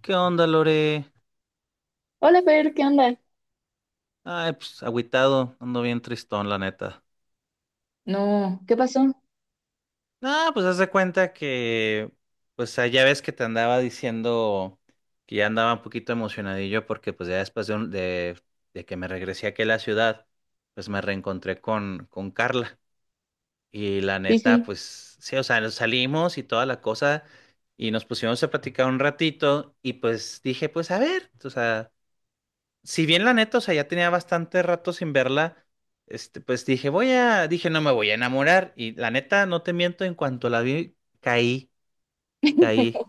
¿Qué onda, Lore? Hola, Fer, ¿qué onda? Ay, pues agüitado, ando bien tristón, la neta. No, ¿qué pasó? Ah, pues haz de cuenta que, pues ya ves que te andaba diciendo que ya andaba un poquito emocionadillo porque pues ya después de, de que me regresé aquí a la ciudad, pues me reencontré con Carla. Y la Sí, neta, sí. pues sí, o sea, nos salimos y toda la cosa y nos pusimos a platicar un ratito y pues dije, pues a ver, o sea, si bien la neta, o sea, ya tenía bastante rato sin verla, pues dije, dije, no me voy a enamorar. Y la neta, no te miento, en cuanto la vi, caí.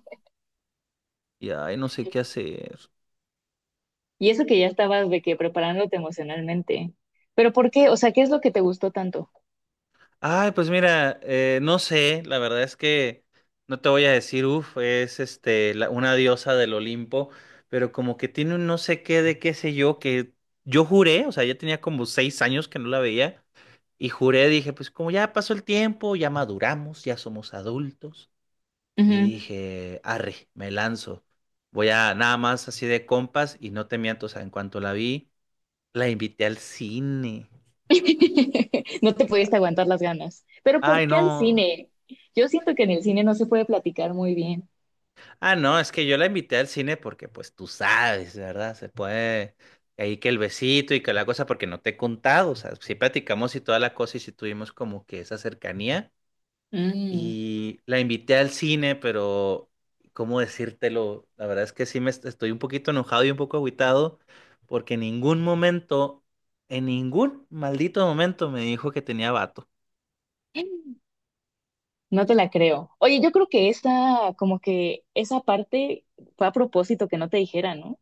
Y ay, no sé qué hacer. Y eso que ya estabas de que preparándote emocionalmente. ¿Pero por qué? O sea, ¿qué es lo que te gustó tanto? Ay, pues mira, no sé, la verdad es que no te voy a decir, uff, una diosa del Olimpo, pero como que tiene un no sé qué de qué sé yo, que yo juré, o sea, ya tenía como 6 años que no la veía. Y juré, dije, pues como ya pasó el tiempo, ya maduramos, ya somos adultos, y Ujú. dije, arre, me lanzo. Voy a nada más así de compas y no te miento, o sea, en cuanto la vi, la invité al cine. No te pudiste aguantar las ganas. ¿Pero Ay, por qué al no. cine? Yo siento que en el cine no se puede platicar muy bien. Ah, no, es que yo la invité al cine porque pues tú sabes, ¿verdad? Se puede ahí que el besito y que la cosa porque no te he contado, o sea, sí platicamos y toda la cosa y sí tuvimos como que esa cercanía. Mm. Y la invité al cine, pero ¿cómo decírtelo? La verdad es que sí estoy un poquito enojado y un poco agüitado porque en ningún momento, en ningún maldito momento me dijo que tenía vato. No te la creo. Oye, yo creo que esa, como que esa parte fue a propósito que no te dijera, ¿no?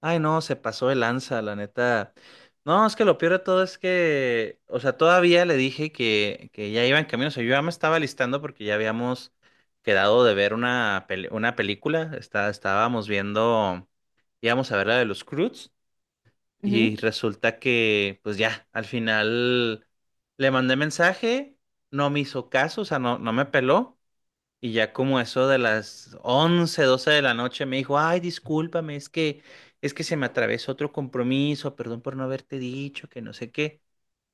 Ay, no, se pasó de lanza, la neta. No, es que lo peor de todo es que, o sea, todavía le dije que ya iba en camino, o sea, yo ya me estaba listando porque ya habíamos quedado de ver una película. Estábamos viendo, íbamos a ver la de los Croods. Y resulta que, pues ya, al final le mandé mensaje, no me hizo caso, o sea, no me peló. Y ya como eso de las 11 12 de la noche me dijo, ay, discúlpame, es que se me atravesó otro compromiso, perdón por no haberte dicho, que no sé qué.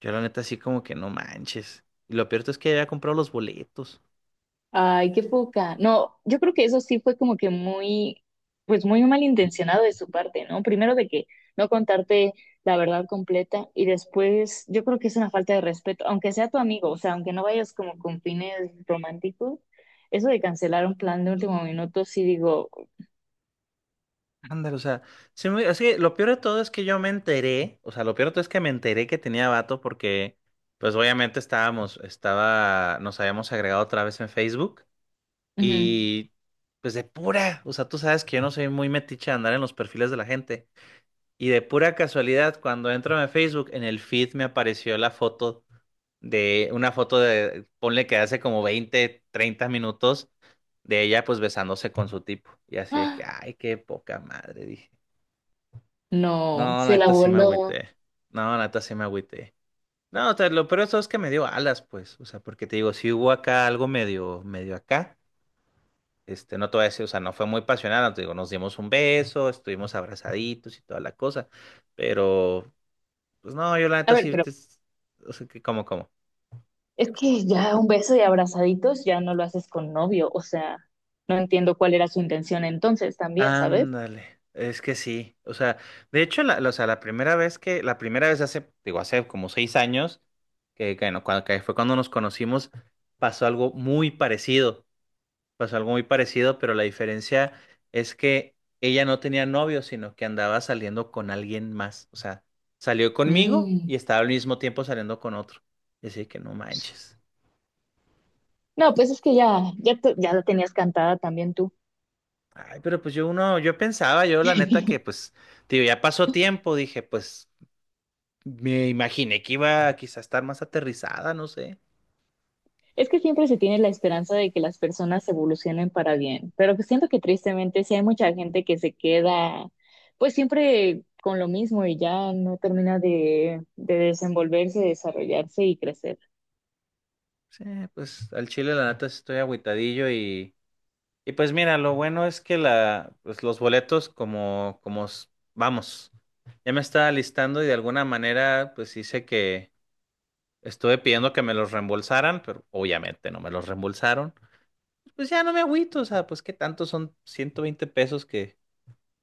Yo la neta así como que no manches. Y lo peor es que había comprado los boletos. Ay, qué poca. No, yo creo que eso sí fue como que muy, pues muy malintencionado de su parte, ¿no? Primero de que no contarte la verdad completa y después yo creo que es una falta de respeto, aunque sea tu amigo, o sea, aunque no vayas como con fines románticos, eso de cancelar un plan de último minuto, sí digo, Ándale, o sea, es que lo peor de todo es que yo me enteré, o sea, lo peor de todo es que me enteré que tenía vato porque pues obviamente nos habíamos agregado otra vez en Facebook, ujú. y pues de pura, o sea, tú sabes que yo no soy muy metiche de andar en los perfiles de la gente, y de pura casualidad cuando entro en Facebook en el feed me apareció la foto de una foto de, ponle que hace como 20, 30 minutos, de ella pues besándose con su tipo. Y así es que, ¡Ah! ay, qué poca madre, dije. No, No, la se la neta sí me voló. agüité. No, la neta sí me agüité. No, o sea, lo peor de todo es que me dio alas, pues. O sea, porque te digo, si hubo acá algo medio acá, no te voy a decir, o sea, no fue muy pasional, no te digo, nos dimos un beso, estuvimos abrazaditos y toda la cosa. Pero pues no, yo la A neta ver, sí, pero o sea, que como. es que ya un beso y abrazaditos ya no lo haces con novio, o sea, no entiendo cuál era su intención entonces también, ¿sabes? Ándale, es que sí. O sea, de hecho, o sea, la primera vez que, la primera vez hace, digo, hace como 6 años, que, no, cuando- que fue cuando nos conocimos, pasó algo muy parecido. Pasó algo muy parecido, pero la diferencia es que ella no tenía novio, sino que andaba saliendo con alguien más. O sea, salió conmigo Mm. y estaba al mismo tiempo saliendo con otro. Y así que no manches. No, pues es que ya, ya, ya la tenías cantada también tú. Ay, pero pues yo pensaba, yo la neta que pues, tío, ya pasó tiempo, dije, pues me imaginé que iba a quizá estar más aterrizada, no sé. Es que siempre se tiene la esperanza de que las personas evolucionen para bien, pero que siento que tristemente sí hay mucha gente que se queda pues siempre con lo mismo y ya no termina de desenvolverse, desarrollarse y crecer. Sí, pues al chile la neta sí estoy agüitadillo. Y pues mira, lo bueno es que pues los boletos vamos, ya me estaba listando y de alguna manera pues hice que estuve pidiendo que me los reembolsaran, pero obviamente no me los reembolsaron. Pues ya no me agüito, o sea, pues qué tanto son 120 pesos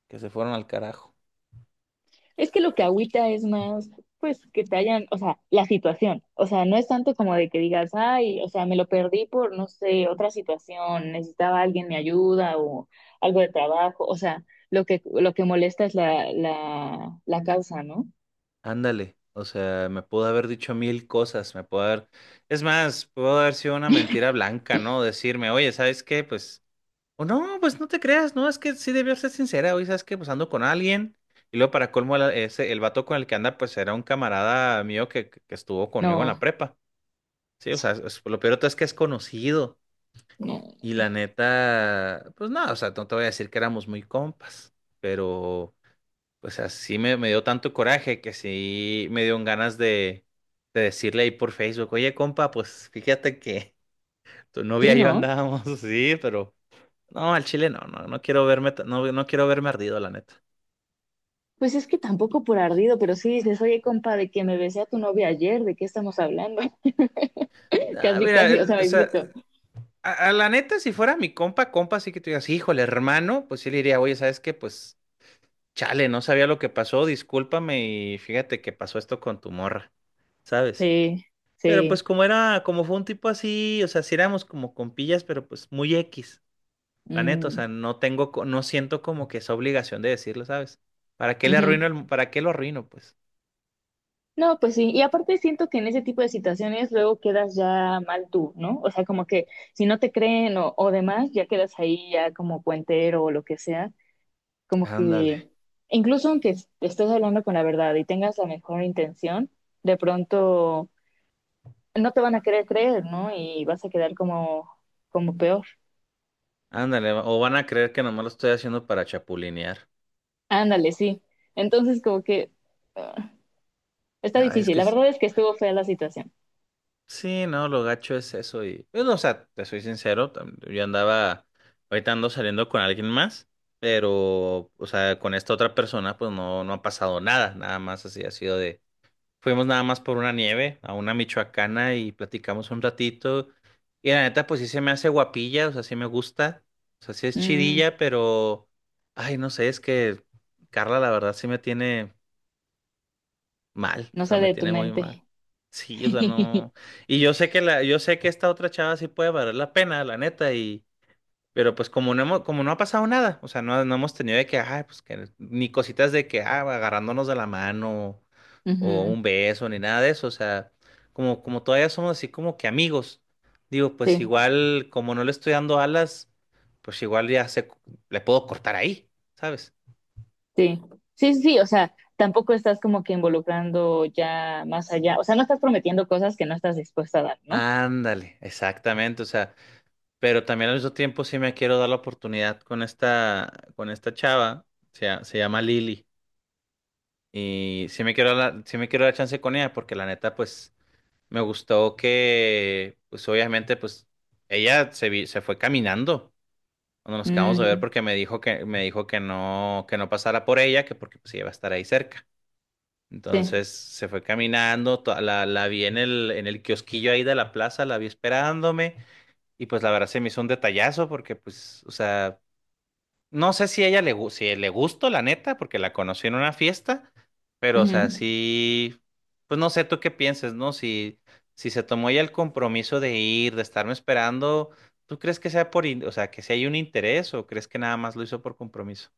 que se fueron al carajo. Es que lo que agüita es más, pues, que te hayan, o sea, la situación. O sea, no es tanto como de que digas, ay, o sea, me lo perdí por, no sé, otra situación, necesitaba alguien mi ayuda o algo de trabajo. O sea, lo que molesta es la causa, ¿no? Ándale, o sea, me pudo haber dicho mil cosas, me pudo haber... Es más, pudo haber sido una mentira blanca, ¿no? Decirme, oye, ¿sabes qué? Pues... O no, pues no te creas, no, es que sí debió ser sincera, hoy sabes que pues ando con alguien. Y luego para colmo el vato con el que anda pues era un camarada mío que, que estuvo conmigo en la No, prepa. Sí, o sea, lo peor de todo es que es conocido, no. y la neta, pues nada, o sea, no te voy a decir que éramos muy compas, pero pues así me dio tanto coraje que sí me dieron ganas de decirle ahí por Facebook, oye compa, pues fíjate que tu Sí, novia y yo no. andábamos, así pero... No, al Chile no, no, no quiero verme, no, no quiero verme ardido, la neta. Pues es que tampoco por ardido, pero sí dices, oye, compa, de que me besé a tu novia ayer, ¿de qué estamos hablando? Ah, Casi, mira, casi, o sea, o me sea, explico. A la neta, si fuera mi compa, sí que tú digas, híjole, hermano, pues sí le diría, oye, ¿sabes qué? Pues chale, no sabía lo que pasó, discúlpame y fíjate que pasó esto con tu morra, ¿sabes? Sí, Pero sí. pues como fue un tipo así, o sea, sí éramos como compillas, pero pues muy X, la neta, o sea, Mm, no siento como que esa obligación de decirlo, ¿sabes? ¿Para qué ujú. Para qué lo arruino, pues? No, pues sí, y aparte siento que en ese tipo de situaciones luego quedas ya mal tú, ¿no? O sea, como que si no te creen o demás, ya quedas ahí ya como puentero o lo que sea, como que Ándale. incluso aunque estés hablando con la verdad y tengas la mejor intención, de pronto no te van a querer creer, ¿no? Y vas a quedar como, como peor. Ándale, o van a creer que nomás lo estoy haciendo para chapulinear. Ándale, sí. Entonces como que ah, está ah es difícil. que La es- verdad es que estuvo fea la situación. sí, no, lo gacho es eso y... Bueno, o sea, te soy sincero, yo andaba, ahorita ando saliendo con alguien más, pero, o sea, con esta otra persona pues no, no ha pasado nada, nada más así ha sido de... Fuimos nada más por una nieve, a una michoacana y platicamos un ratito, y la neta pues sí se me hace guapilla, o sea, sí me gusta, o sea, sí es Mm, chidilla, pero, ay, no sé, es que Carla la verdad sí me tiene... Mal, o no sea, sale me de tu tiene muy mal. mente. Sí, o sea, no. Y yo sé que yo sé que esta otra chava sí puede valer la pena, la neta, y, pero pues como no ha pasado nada, o sea, no, no hemos tenido de que, ay, pues que, ni cositas de que, ah, agarrándonos de la mano, o Ujú. un beso, ni nada de eso. O sea, como todavía somos así como que amigos. Digo, pues Sí. igual, como no le estoy dando alas, pues igual le puedo cortar ahí, ¿sabes? Sí, sí, sí, sí, o sea, tampoco estás como que involucrando ya más allá, o sea, no estás prometiendo cosas que no estás dispuesta a dar, ¿no? Ándale, exactamente. O sea, pero también al mismo tiempo sí me quiero dar la oportunidad con con esta chava, se llama Lili, y sí me quiero sí me quiero dar chance con ella porque la neta pues me gustó que pues obviamente pues ella se fue caminando cuando nos acabamos de ver Mm, porque me dijo que no pasara por ella, que porque pues ella va a estar ahí cerca. sí. Entonces se fue caminando, la vi en en el kiosquillo ahí de la plaza, la vi esperándome. Y pues la verdad se me hizo un detallazo porque pues, o sea, no sé si ella si le gustó, la neta, porque la conocí en una fiesta, pero o sea, Ujú. sí, pues no sé tú qué pienses, ¿no? Si, si se tomó ya el compromiso de ir, de estarme esperando, ¿tú crees que sea o sea, que si hay un interés o crees que nada más lo hizo por compromiso?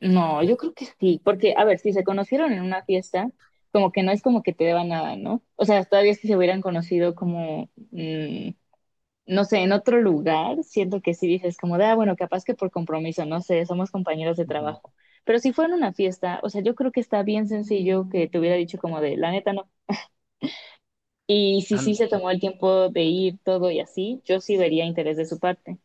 No, yo creo que sí, porque, a ver, si se conocieron en una fiesta, como que no es como que te deba nada, ¿no? O sea, todavía si se hubieran conocido como, mm, no sé, en otro lugar, siento que sí dices como de, ah, bueno, capaz que por compromiso, no sé, somos compañeros de Ujú. trabajo. Pero si fuera en una fiesta, o sea, yo creo que está bien sencillo que te hubiera dicho como de, la neta, no. Y si sí An- se tomó el tiempo de ir todo y así, yo sí vería interés de su parte.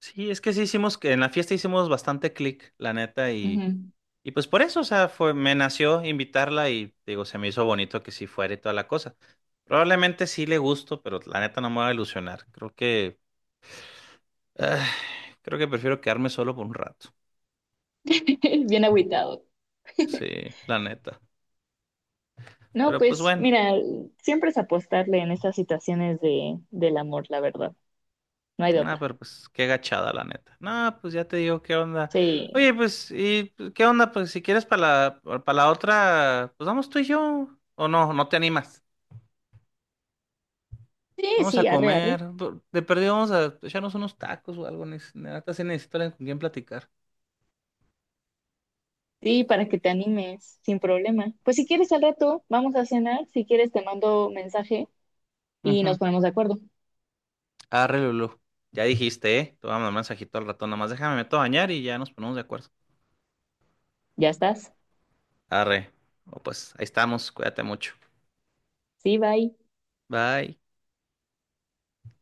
sí, es que sí hicimos, que en la fiesta hicimos bastante clic, la neta, y, Ujú. Y pues por eso, o sea, me nació invitarla y digo, se me hizo bonito que sí fuera y toda la cosa. Probablemente sí le gusto, pero la neta no me va a ilusionar. Creo que, ah, creo que prefiero quedarme solo por un rato. Bien agüitado. Sí, la neta. No, Pero pues pues bueno, mira, siempre es apostarle en estas situaciones de, del amor, la verdad. No hay de ah, otra. pero pues qué gachada, la neta. No, pues ya te digo qué onda. Sí, Oye, no. pues, ¿y pues, qué onda? Pues si quieres para para la otra, pues vamos tú y yo. O no, no te animas. Sí, Vamos a sí, arre, comer. arre. De perdido vamos a echarnos unos tacos o algo. Neta, sí necesito alguien con quien platicar. Sí, para que te animes, sin problema. Pues si quieres al rato, vamos a cenar. Si quieres, te mando mensaje y Ujú. nos ponemos de acuerdo. Arre, Lulú. Ya dijiste, ¿eh? Te voy a mandar un mensajito al ratón. Nada más déjame, me meto a bañar y ya nos ponemos de acuerdo. Ya estás. Arre. O pues ahí estamos. Cuídate mucho. Sí, bye. Bye.